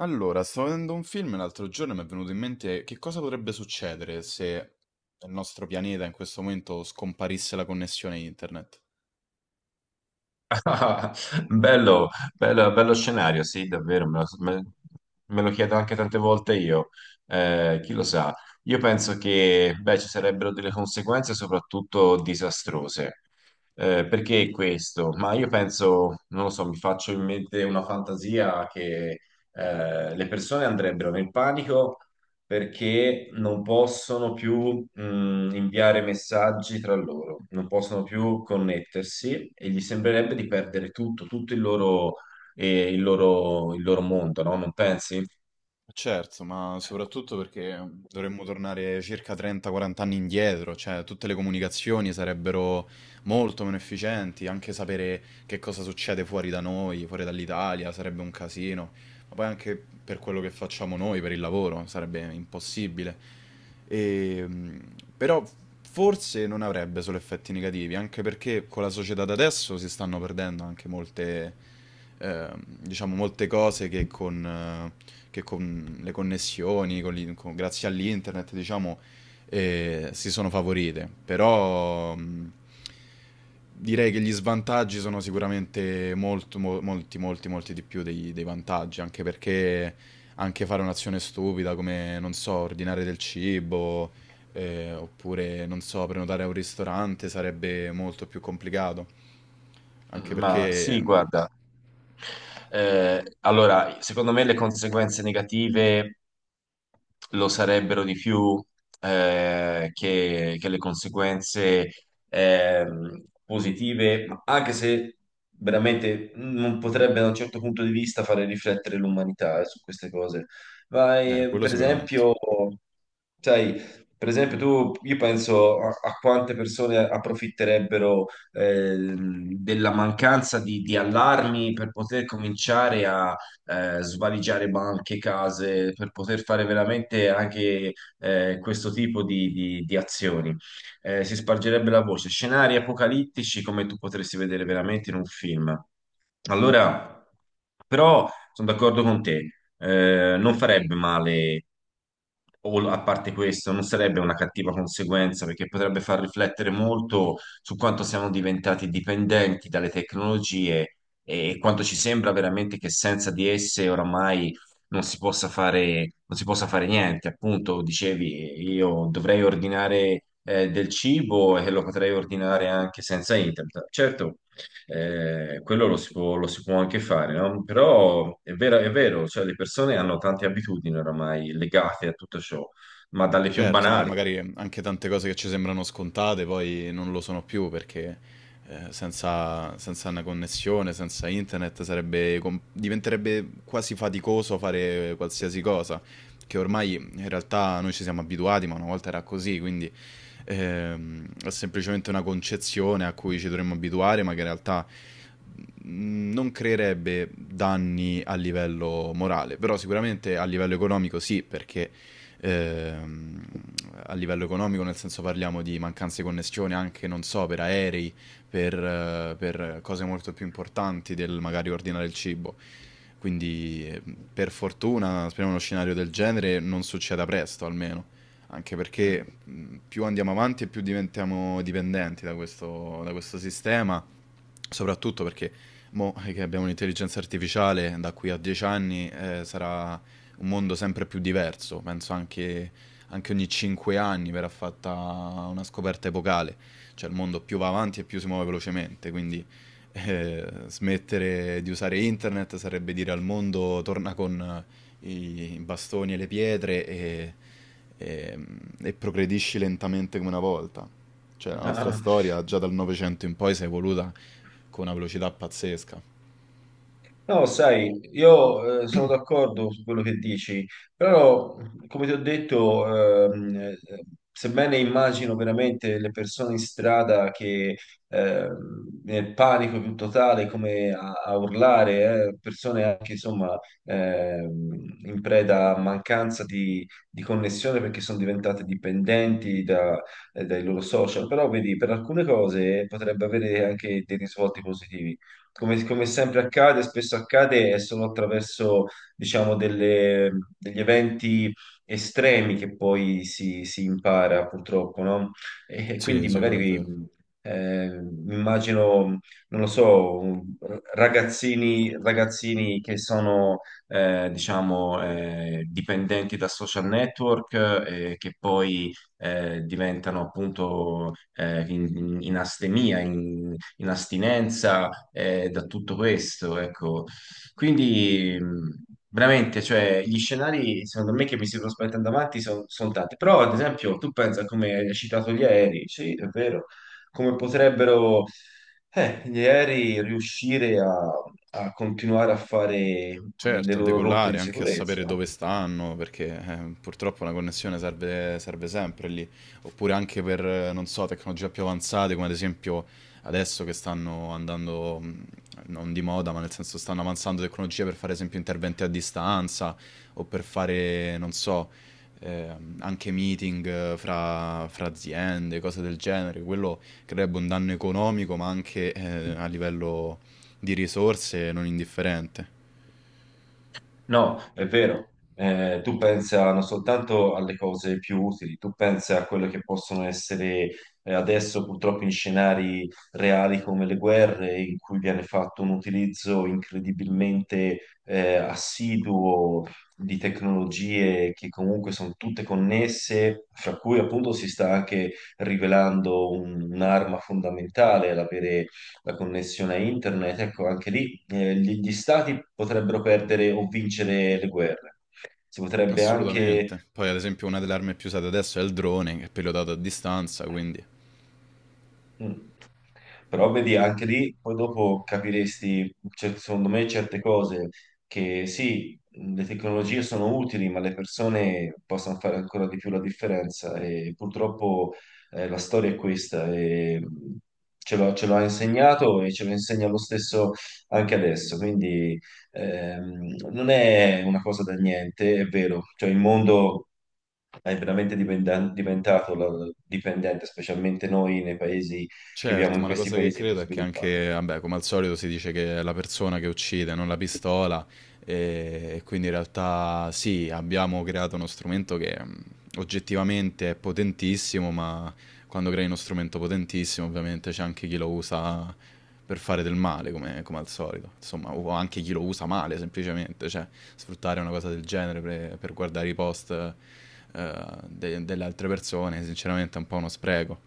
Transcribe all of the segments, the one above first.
Allora, stavo vedendo un film l'altro giorno e mi è venuto in mente che cosa potrebbe succedere se nel nostro pianeta in questo momento scomparisse la connessione internet. Ah, Bello, bello scenario, sì, davvero, me lo chiedo anche tante volte io, chi lo sa. Io penso che, beh, ci sarebbero delle conseguenze soprattutto disastrose. Perché questo? Ma io penso, non lo so, mi faccio in mente una fantasia che le persone andrebbero nel panico perché non possono più inviare messaggi tra loro, non possono più connettersi e gli sembrerebbe di perdere tutto, tutto il loro, il loro mondo, no? Non pensi? Certo, ma soprattutto perché dovremmo tornare circa 30-40 anni indietro, cioè tutte le comunicazioni sarebbero molto meno efficienti, anche sapere che cosa succede fuori da noi, fuori dall'Italia, sarebbe un casino. Ma poi anche per quello che facciamo noi, per il lavoro, sarebbe impossibile. E, però forse non avrebbe solo effetti negativi, anche perché con la società da adesso si stanno perdendo anche molte, diciamo, molte cose che che con le connessioni, grazie all'internet, diciamo, si sono favorite. Però, direi che gli svantaggi sono sicuramente molto, molti, molti, molti di più dei vantaggi, anche perché anche fare un'azione stupida come, non so, ordinare del cibo, oppure, non so, prenotare a un ristorante sarebbe molto più complicato, anche Ma perché, sì, guarda. Allora, secondo me le conseguenze negative lo sarebbero di più che le conseguenze positive, ma anche se veramente non potrebbe da un certo punto di vista fare riflettere l'umanità su queste cose. Ma quello per sicuramente. esempio, sai, per esempio tu, io penso a, a quante persone approfitterebbero eh, della mancanza di allarmi per poter cominciare a svaligiare banche, case, per poter fare veramente anche questo tipo di azioni. Si spargerebbe la voce. Scenari apocalittici come tu potresti vedere veramente in un film. Allora, però sono d'accordo con te, non farebbe male, o a parte questo, non sarebbe una cattiva conseguenza perché potrebbe far riflettere molto su quanto siamo diventati dipendenti dalle tecnologie e quanto ci sembra veramente che senza di esse oramai non si possa fare niente. Appunto, dicevi, io dovrei ordinare del cibo e lo potrei ordinare anche senza internet. Certo, quello lo si può anche fare, no? Però è vero, cioè le persone hanno tante abitudini oramai legate a tutto ciò, ma dalle più Certo, ormai banali. magari anche tante cose che ci sembrano scontate poi non lo sono più perché senza una connessione, senza internet sarebbe diventerebbe quasi faticoso fare qualsiasi cosa, che ormai in realtà noi ci siamo abituati, ma una volta era così, quindi è semplicemente una concezione a cui ci dovremmo abituare, ma che in realtà non creerebbe danni a livello morale, però sicuramente a livello economico sì, perché ehm, a livello economico, nel senso parliamo di mancanze di connessione anche, non so, per aerei, per cose molto più importanti del magari ordinare il cibo. Quindi per fortuna, speriamo uno scenario del genere non succeda presto almeno, anche perché più andiamo avanti e più diventiamo dipendenti da questo, sistema, soprattutto perché mo che abbiamo l'intelligenza artificiale da qui a 10 anni sarà un mondo sempre più diverso, penso anche ogni 5 anni verrà fatta una scoperta epocale, cioè il mondo più va avanti e più si muove velocemente, quindi smettere di usare internet sarebbe dire al mondo torna con i bastoni e le pietre e, e progredisci lentamente come una volta. Cioè la nostra Mm. storia già dal Novecento in poi si è evoluta con una velocità pazzesca. No, sai, io sono d'accordo su quello che dici, però come ti ho detto, ehm, eh, sebbene immagino veramente le persone in strada che nel panico più totale, come a urlare, persone anche insomma in preda a mancanza di connessione perché sono diventate dipendenti dai loro social, però vedi, per alcune cose potrebbe avere anche dei risvolti positivi come, come sempre accade, spesso accade, è solo attraverso, diciamo, degli eventi estremi che poi si impara, purtroppo, no? E Sì, quindi sì, quello è magari vero. Mi immagino, non lo so, ragazzini che sono, diciamo, dipendenti da social network che poi diventano appunto in astinenza da tutto questo, ecco. Quindi veramente, cioè, gli scenari secondo me che mi si sono spaventando avanti sono tanti, però ad esempio tu pensa come hai citato gli aerei, sì, è vero, come potrebbero gli aerei riuscire a continuare a fare le Certo, a loro rotte decollare, di anche a sicurezza. sapere dove stanno, perché purtroppo una connessione serve, serve sempre lì. Oppure anche per, non so, tecnologie più avanzate, come ad esempio adesso che stanno andando, non di moda, ma nel senso stanno avanzando tecnologie per fare, ad esempio, interventi a distanza o per fare, non so, anche meeting fra aziende, cose del genere. Quello creerebbe un danno economico, ma anche a livello di risorse non indifferente. No, è vero. Tu pensa non soltanto alle cose più utili, tu pensa a quelle che possono essere adesso purtroppo in scenari reali come le guerre, in cui viene fatto un utilizzo incredibilmente assiduo di tecnologie che comunque sono tutte connesse, fra cui appunto si sta anche rivelando un'arma fondamentale l'avere la connessione a internet, ecco, anche lì gli stati potrebbero perdere o vincere le guerre. Si potrebbe anche Assolutamente. Poi, ad esempio, una delle armi più usate adesso è il drone, che è pilotato a distanza, quindi. Mm. Però vedi, anche lì poi dopo capiresti, cioè, secondo me, certe cose che sì, le tecnologie sono utili, ma le persone possono fare ancora di più la differenza e purtroppo la storia è questa e ce l'ha insegnato e ce lo insegna lo stesso anche adesso, quindi non è una cosa da niente, è vero, cioè il mondo è veramente dipendente, specialmente noi nei paesi che viviamo Certo, in ma la questi cosa che paesi più credo è che sviluppati. anche, vabbè, come al solito si dice che è la persona che uccide, non la pistola, e, quindi in realtà sì, abbiamo creato uno strumento che oggettivamente è potentissimo, ma quando crei uno strumento potentissimo ovviamente c'è anche chi lo usa per fare del male, come al solito, insomma, o anche chi lo usa male semplicemente, cioè sfruttare una cosa del genere per guardare i post delle altre persone, sinceramente è un po' uno spreco.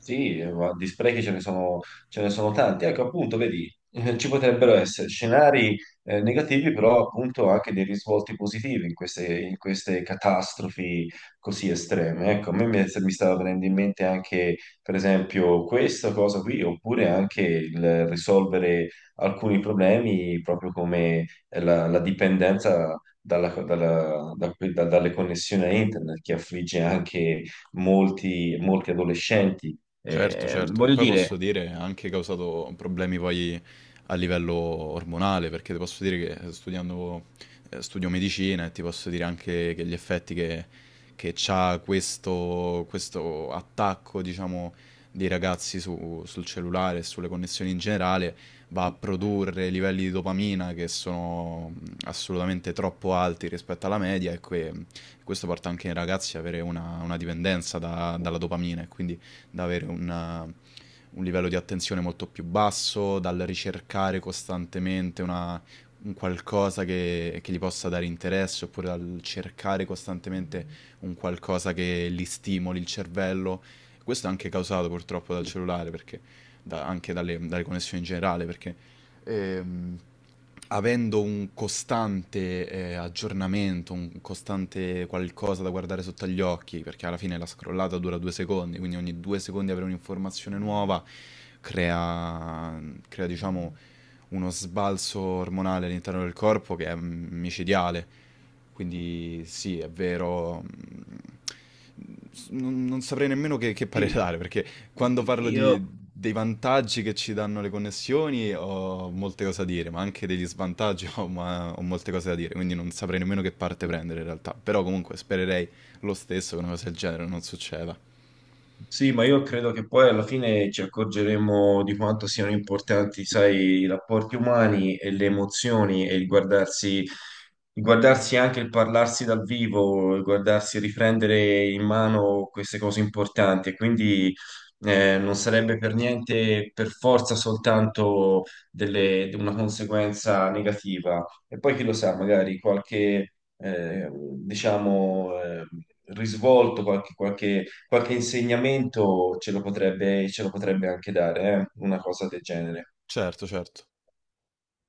Sì, ma di sprechi ce ne sono tanti. Ecco, appunto, vedi, ci potrebbero essere scenari negativi, però appunto anche dei risvolti positivi in in queste catastrofi così estreme. Ecco, mi stava venendo in mente anche, per esempio, questa cosa qui, oppure anche il risolvere alcuni problemi, proprio come la dipendenza dalle connessioni a internet, che affligge anche molti, molti adolescenti Certo, certo, che voglio poi posso dire, dire ha anche causato problemi poi a livello ormonale, perché ti posso dire che studio medicina e ti posso dire anche che gli effetti che c'ha questo, attacco, diciamo, dei ragazzi sul cellulare e sulle connessioni in generale va a produrre livelli di dopamina che sono assolutamente troppo alti rispetto alla media e questo porta anche i ragazzi ad avere una dipendenza dalla dopamina e quindi da avere un livello di attenzione molto più basso, dal ricercare costantemente un qualcosa che gli possa dare interesse, oppure dal cercare costantemente un qualcosa che gli stimoli il cervello. Questo è anche causato purtroppo dal cellulare, perché anche dalle connessioni in generale, perché ehm, avendo un costante aggiornamento, un costante qualcosa da guardare sotto agli occhi, perché alla fine la scrollata dura 2 secondi, quindi ogni 2 secondi avere un'informazione nuova crea, crea, diciamo, uno sbalzo ormonale all'interno del corpo che è micidiale. Quindi sì, è vero. Non saprei nemmeno che parere sì, dare, perché quando parlo io dei vantaggi che ci danno le connessioni ho molte cose da dire, ma anche degli svantaggi ho molte cose da dire, quindi non saprei nemmeno che parte prendere in realtà. Però comunque spererei lo stesso che una cosa del genere non succeda. Sì, ma io credo che poi alla fine ci accorgeremo di quanto siano importanti, sai, i rapporti umani e le emozioni e il guardarsi e anche il parlarsi dal vivo, il guardarsi e riprendere in mano queste cose importanti. E quindi non sarebbe per niente, per forza, soltanto una conseguenza negativa. E poi chi lo sa, magari qualche, diciamo, risvolto, qualche qualche insegnamento ce lo potrebbe anche dare, una cosa del genere. Certo, certo.